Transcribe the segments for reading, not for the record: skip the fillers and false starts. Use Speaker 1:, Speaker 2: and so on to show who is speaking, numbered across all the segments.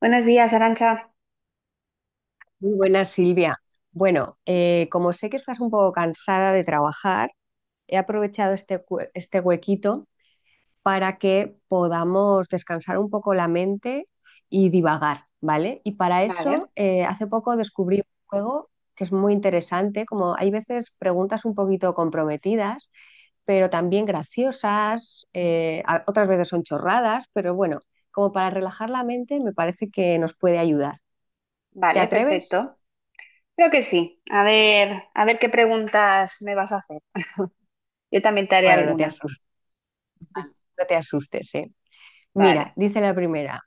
Speaker 1: Buenos días, Arancha.
Speaker 2: Muy buena, Silvia. Bueno, como sé que estás un poco cansada de trabajar, he aprovechado este huequito para que podamos descansar un poco la mente y divagar, ¿vale? Y para eso,
Speaker 1: Vale,
Speaker 2: hace poco descubrí un juego que es muy interesante, como hay veces preguntas un poquito comprometidas, pero también graciosas, otras veces son chorradas, pero bueno, como para relajar la mente me parece que nos puede ayudar. ¿Te
Speaker 1: vale,
Speaker 2: atreves?
Speaker 1: perfecto. Creo que sí. A ver qué preguntas me vas a hacer. Yo también te haré
Speaker 2: Bueno, no te has
Speaker 1: alguna.
Speaker 2: No te asustes, ¿eh? Mira,
Speaker 1: Vale.
Speaker 2: dice la primera,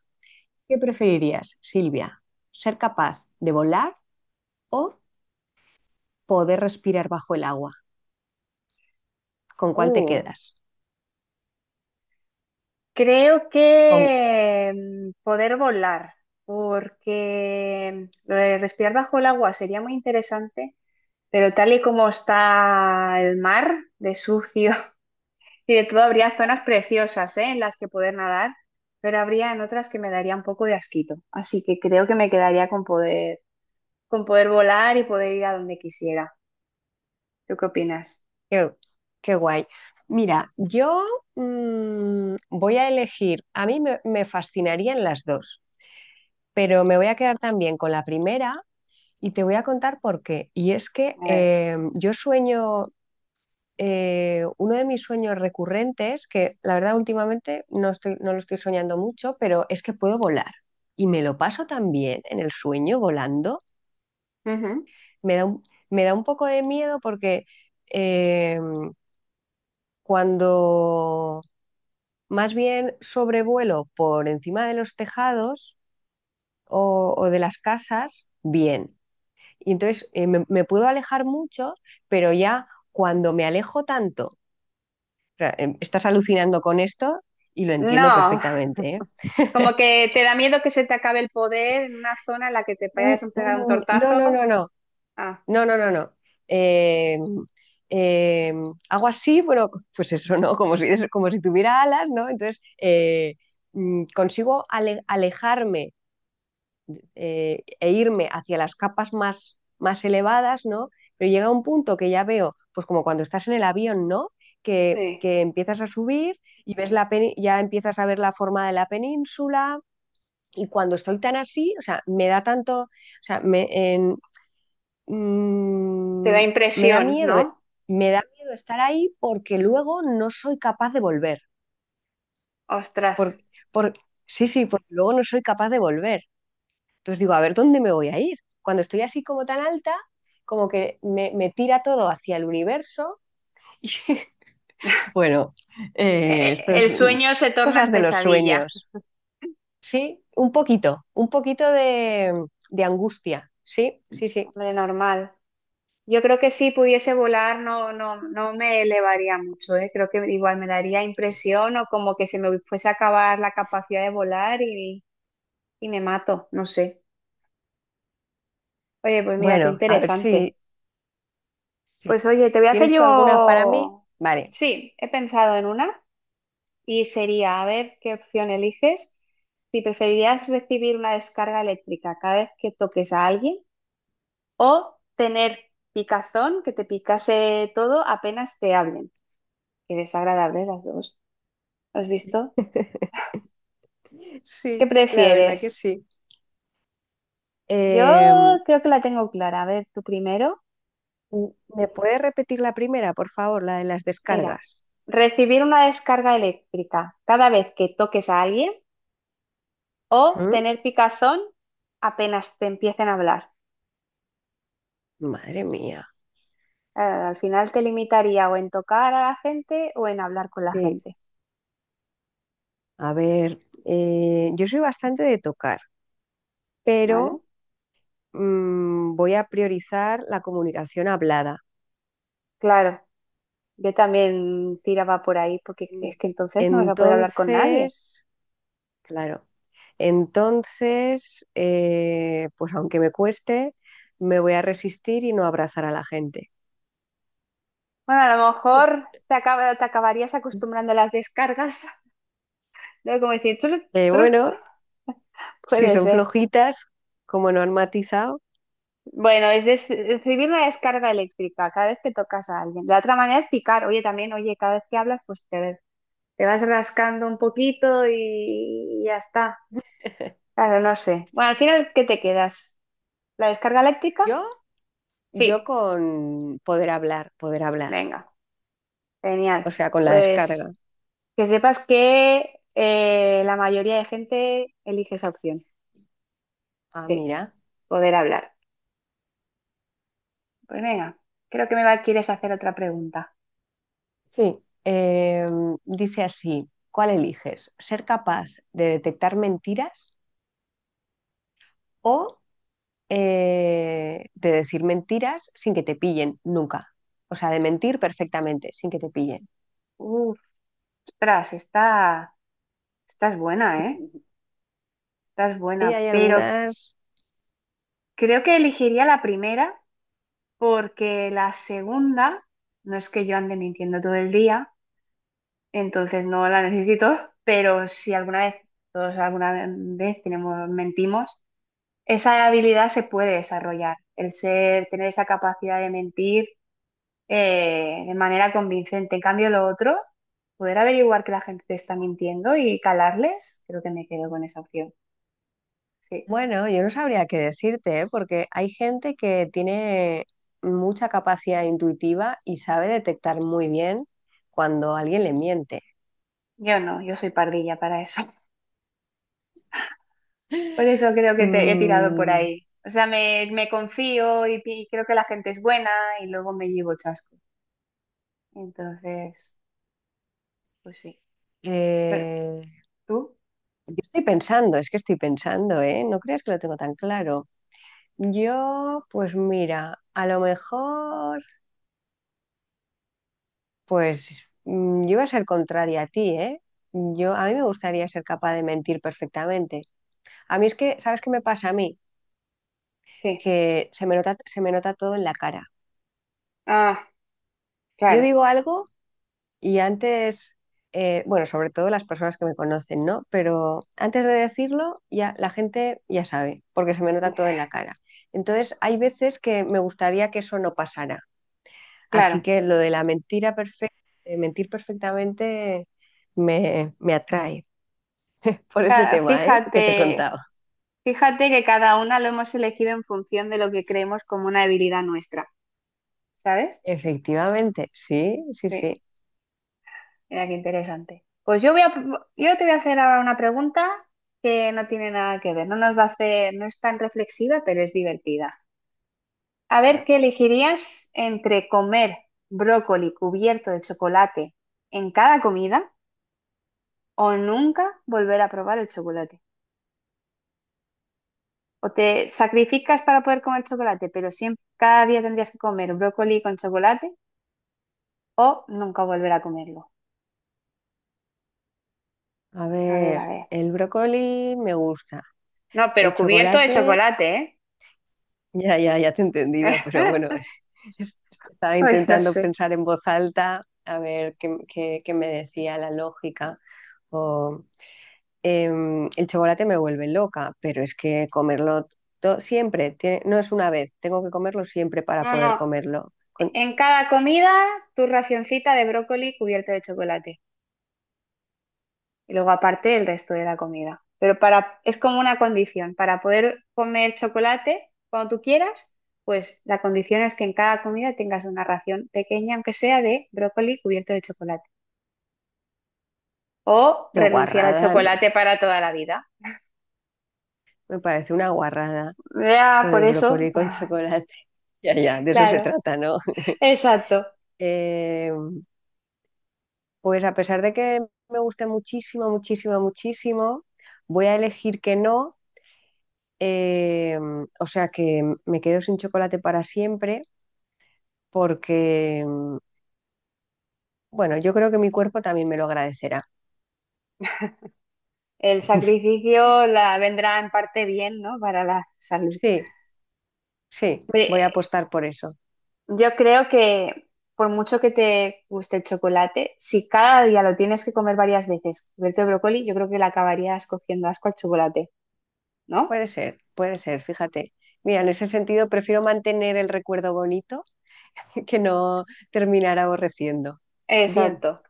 Speaker 2: ¿qué preferirías, Silvia? ¿Ser capaz de volar o poder respirar bajo el agua? ¿Con cuál te
Speaker 1: Uh,
Speaker 2: quedas?
Speaker 1: creo
Speaker 2: Con...
Speaker 1: que poder volar, porque lo de respirar bajo el agua sería muy interesante, pero tal y como está el mar, de sucio y de todo, habría zonas preciosas, ¿eh? En las que poder nadar, pero habría en otras que me daría un poco de asquito. Así que creo que me quedaría con poder volar y poder ir a donde quisiera. ¿Tú qué opinas?
Speaker 2: Qué, qué guay. Mira, yo voy a elegir, a mí me fascinarían las dos, pero me voy a quedar también con la primera y te voy a contar por qué. Y es que
Speaker 1: A ver.
Speaker 2: yo sueño, uno de mis sueños recurrentes, que la verdad últimamente no lo estoy soñando mucho, pero es que puedo volar. Y me lo paso también en el sueño volando.
Speaker 1: Ujú.
Speaker 2: Me da un, me da un poco de miedo porque eh, cuando más bien sobrevuelo por encima de los tejados o de las casas, bien. Y entonces me puedo alejar mucho, pero ya cuando me alejo tanto sea, estás alucinando con esto y lo entiendo
Speaker 1: No,
Speaker 2: perfectamente, ¿eh?
Speaker 1: como que te da miedo que se te acabe el poder en una zona en la que te
Speaker 2: Mm,
Speaker 1: vayas a pegar un
Speaker 2: mm, no, no,
Speaker 1: tortazo.
Speaker 2: no, no,
Speaker 1: Ah,
Speaker 2: no, no, no, no. Eh, eh, hago así, bueno, pues eso, ¿no? Como si tuviera alas, ¿no? Entonces, consigo alejarme e irme hacia las capas más elevadas, ¿no? Pero llega un punto que ya veo, pues como cuando estás en el avión, ¿no?
Speaker 1: sí.
Speaker 2: Que empiezas a subir y ves ya empiezas a ver la forma de la península. Y cuando estoy tan así, o sea, me da tanto, o sea, en-
Speaker 1: Te da
Speaker 2: mm, me da
Speaker 1: impresión,
Speaker 2: miedo, eh,
Speaker 1: ¿no?
Speaker 2: me da miedo estar ahí porque luego no soy capaz de volver.
Speaker 1: Ostras.
Speaker 2: Por, por, sí, sí, porque luego no soy capaz de volver. Entonces digo, a ver, ¿dónde me voy a ir? Cuando estoy así como tan alta, como que me tira todo hacia el universo. Y, bueno, esto es
Speaker 1: El sueño se torna en
Speaker 2: cosas de los
Speaker 1: pesadilla.
Speaker 2: sueños, ¿sí? Un poquito de angustia, sí, sí, sí.
Speaker 1: Hombre, normal. Yo creo que si pudiese volar no me elevaría mucho, ¿eh? Creo que igual me daría impresión o como que se me fuese a acabar la capacidad de volar y me mato, no sé. Oye, pues mira, qué
Speaker 2: Bueno, a ver
Speaker 1: interesante. Pues
Speaker 2: si-
Speaker 1: oye, te voy a hacer
Speaker 2: ¿tienes tú alguna para mí?
Speaker 1: yo...
Speaker 2: Vale.
Speaker 1: Sí, he pensado en una y sería, a ver qué opción eliges, si preferirías recibir una descarga eléctrica cada vez que toques a alguien o tener picazón, que te picase todo apenas te hablen. Qué desagradable las dos. ¿Has visto? ¿Qué
Speaker 2: Sí, la verdad que
Speaker 1: prefieres?
Speaker 2: sí.
Speaker 1: Yo
Speaker 2: Em,
Speaker 1: creo que la tengo clara. A ver, tú primero
Speaker 2: ¿Me puedes repetir la primera, por favor, la de las
Speaker 1: era
Speaker 2: descargas?
Speaker 1: recibir una descarga eléctrica cada vez que toques a alguien o
Speaker 2: ¿Mm?
Speaker 1: tener picazón apenas te empiecen a hablar.
Speaker 2: Madre mía.
Speaker 1: Al final te limitaría o en tocar a la gente o en hablar con la
Speaker 2: Sí.
Speaker 1: gente,
Speaker 2: A ver, yo soy bastante de tocar,
Speaker 1: ¿vale?
Speaker 2: pero voy a priorizar la comunicación hablada.
Speaker 1: Claro, yo también tiraba por ahí porque es
Speaker 2: En-
Speaker 1: que entonces no vas a poder hablar con nadie.
Speaker 2: Entonces, claro. Entonces, pues aunque me cueste, me voy a resistir y no abrazar a la gente.
Speaker 1: Bueno, a lo mejor te acabarías acostumbrando a las descargas, ¿no? Como decir, "Tru, tru".
Speaker 2: Bueno, si
Speaker 1: Puede
Speaker 2: son
Speaker 1: ser.
Speaker 2: flojitas, como no han matizado,
Speaker 1: Bueno, recibir una descarga eléctrica cada vez que tocas a alguien. La otra manera es picar. Oye, también, oye, cada vez que hablas, pues te vas rascando un poquito y ya está. Claro, no sé. Bueno, al final, ¿qué te quedas? ¿La descarga eléctrica?
Speaker 2: yo, yo
Speaker 1: Sí,
Speaker 2: con poder hablar,
Speaker 1: venga, genial.
Speaker 2: o sea, con la descarga.
Speaker 1: Pues que sepas que la mayoría de gente elige esa opción.
Speaker 2: Ah,
Speaker 1: Sí,
Speaker 2: mira.
Speaker 1: poder hablar. Pues venga, creo que me va, quieres hacer otra pregunta.
Speaker 2: Sí. Dice así, ¿cuál eliges? ¿Ser capaz de detectar mentiras o de decir mentiras sin que te pillen nunca? O sea, de mentir perfectamente sin que te pillen.
Speaker 1: Uf, ostras, esta es buena, ¿eh? Esta es
Speaker 2: Y
Speaker 1: buena,
Speaker 2: hay
Speaker 1: pero
Speaker 2: algunas,
Speaker 1: creo que elegiría la primera porque la segunda no es que yo ande mintiendo todo el día, entonces no la necesito, pero si alguna vez, todos alguna vez tenemos, mentimos, esa habilidad se puede desarrollar, el ser, tener esa capacidad de mentir de manera convincente. En cambio, lo otro, poder averiguar que la gente te está mintiendo y calarles, creo que me quedo con esa opción. Sí,
Speaker 2: bueno, yo no sabría qué decirte, ¿eh? Porque hay gente que tiene mucha capacidad intuitiva y sabe detectar muy bien cuando alguien le miente.
Speaker 1: yo no, yo soy pardilla para eso. Por eso creo que te he tirado por
Speaker 2: Mm,
Speaker 1: ahí. O sea, me confío y, y creo que la gente es buena y luego me llevo chasco. Entonces, pues sí. Eh,
Speaker 2: eh,
Speaker 1: ¿Tú?
Speaker 2: yo estoy pensando, es que estoy pensando, ¿eh? No creas que lo tengo tan claro. Yo, pues mira, a lo mejor pues yo iba a ser contraria a ti, ¿eh? Yo, a mí me gustaría ser capaz de mentir perfectamente. A mí es que, ¿sabes qué me pasa a mí?
Speaker 1: Sí.
Speaker 2: Que se me nota todo en la cara.
Speaker 1: Ah,
Speaker 2: Yo
Speaker 1: claro,
Speaker 2: digo algo y antes, bueno, sobre todo las personas que me conocen, ¿no? Pero antes de decirlo, ya la gente ya sabe, porque se me nota todo en la cara. Entonces, hay veces que me gustaría que eso no pasara. Así
Speaker 1: claro.
Speaker 2: que lo de la mentira perfecta, mentir perfectamente me atrae por ese tema, ¿eh? Que te
Speaker 1: Fíjate,
Speaker 2: contaba.
Speaker 1: fíjate que cada una lo hemos elegido en función de lo que creemos como una debilidad nuestra, ¿sabes?
Speaker 2: Efectivamente, sí, sí,
Speaker 1: Sí,
Speaker 2: sí.
Speaker 1: mira qué interesante. Yo te voy a hacer ahora una pregunta que no tiene nada que ver, no nos va a hacer, no es tan reflexiva, pero es divertida. A ver,
Speaker 2: Vale.
Speaker 1: ¿qué elegirías entre comer brócoli cubierto de chocolate en cada comida o nunca volver a probar el chocolate? O te sacrificas para poder comer chocolate, pero siempre, cada día tendrías que comer brócoli con chocolate o nunca volver a comerlo.
Speaker 2: A
Speaker 1: A ver, a
Speaker 2: ver,
Speaker 1: ver.
Speaker 2: el brócoli me gusta.
Speaker 1: No,
Speaker 2: El
Speaker 1: pero cubierto de
Speaker 2: chocolate,
Speaker 1: chocolate,
Speaker 2: ya, ya, ya te he
Speaker 1: ¿eh?
Speaker 2: entendido, pero bueno, es- estaba
Speaker 1: Ay, no
Speaker 2: intentando
Speaker 1: sé.
Speaker 2: pensar en voz alta, a ver qué me decía la lógica. O, el chocolate me vuelve loca, pero es que comerlo siempre, no es una vez, tengo que comerlo siempre para
Speaker 1: No,
Speaker 2: poder
Speaker 1: no.
Speaker 2: comerlo. Con,
Speaker 1: En cada comida, tu racioncita de brócoli cubierto de chocolate. Y luego aparte el resto de la comida. Pero para, es como una condición, para poder comer chocolate cuando tú quieras, pues la condición es que en cada comida tengas una ración pequeña, aunque sea de brócoli cubierto de chocolate. O
Speaker 2: de
Speaker 1: renunciar al
Speaker 2: guarrada, no,
Speaker 1: chocolate para toda la vida.
Speaker 2: me parece una guarrada.
Speaker 1: Ya,
Speaker 2: Sobre
Speaker 1: por
Speaker 2: del
Speaker 1: eso,
Speaker 2: brócoli con chocolate. Ya, ya, de eso se
Speaker 1: claro,
Speaker 2: trata, ¿no?
Speaker 1: exacto.
Speaker 2: Eh, pues a pesar de que me guste muchísimo, muchísimo, muchísimo, voy a elegir que no. Eh, o sea que me quedo sin chocolate para siempre porque, bueno, yo creo que mi cuerpo también me lo agradecerá.
Speaker 1: El sacrificio la vendrá en parte bien, ¿no? Para la salud.
Speaker 2: Sí, sí, voy a
Speaker 1: Oye,
Speaker 2: apostar por eso.
Speaker 1: yo creo que por mucho que te guste el chocolate, si cada día lo tienes que comer varias veces, cubierto de brócoli, yo creo que le acabarías cogiendo asco al chocolate, ¿no?
Speaker 2: Puede ser, fíjate. Mira, en ese sentido prefiero mantener el recuerdo bonito que no terminar aborreciendo. Bien.
Speaker 1: Exacto.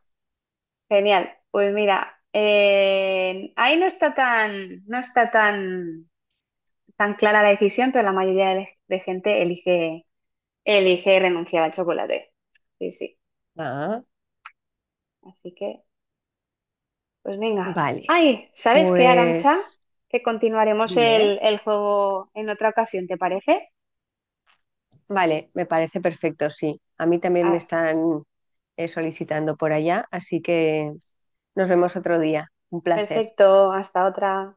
Speaker 1: Genial. Pues mira, ahí no está tan, tan clara la decisión, pero de gente elige renunciar al chocolate. Sí, sí.
Speaker 2: Ah,
Speaker 1: Así que, pues venga.
Speaker 2: vale.
Speaker 1: Ay, ¿sabes qué, Arancha?
Speaker 2: Pues
Speaker 1: Que continuaremos
Speaker 2: dime, ¿eh?
Speaker 1: el juego en otra ocasión, ¿te parece?
Speaker 2: Vale, me parece perfecto, sí. A mí también me
Speaker 1: Ah,
Speaker 2: están solicitando por allá, así que nos vemos otro día. Un placer.
Speaker 1: perfecto, hasta otra.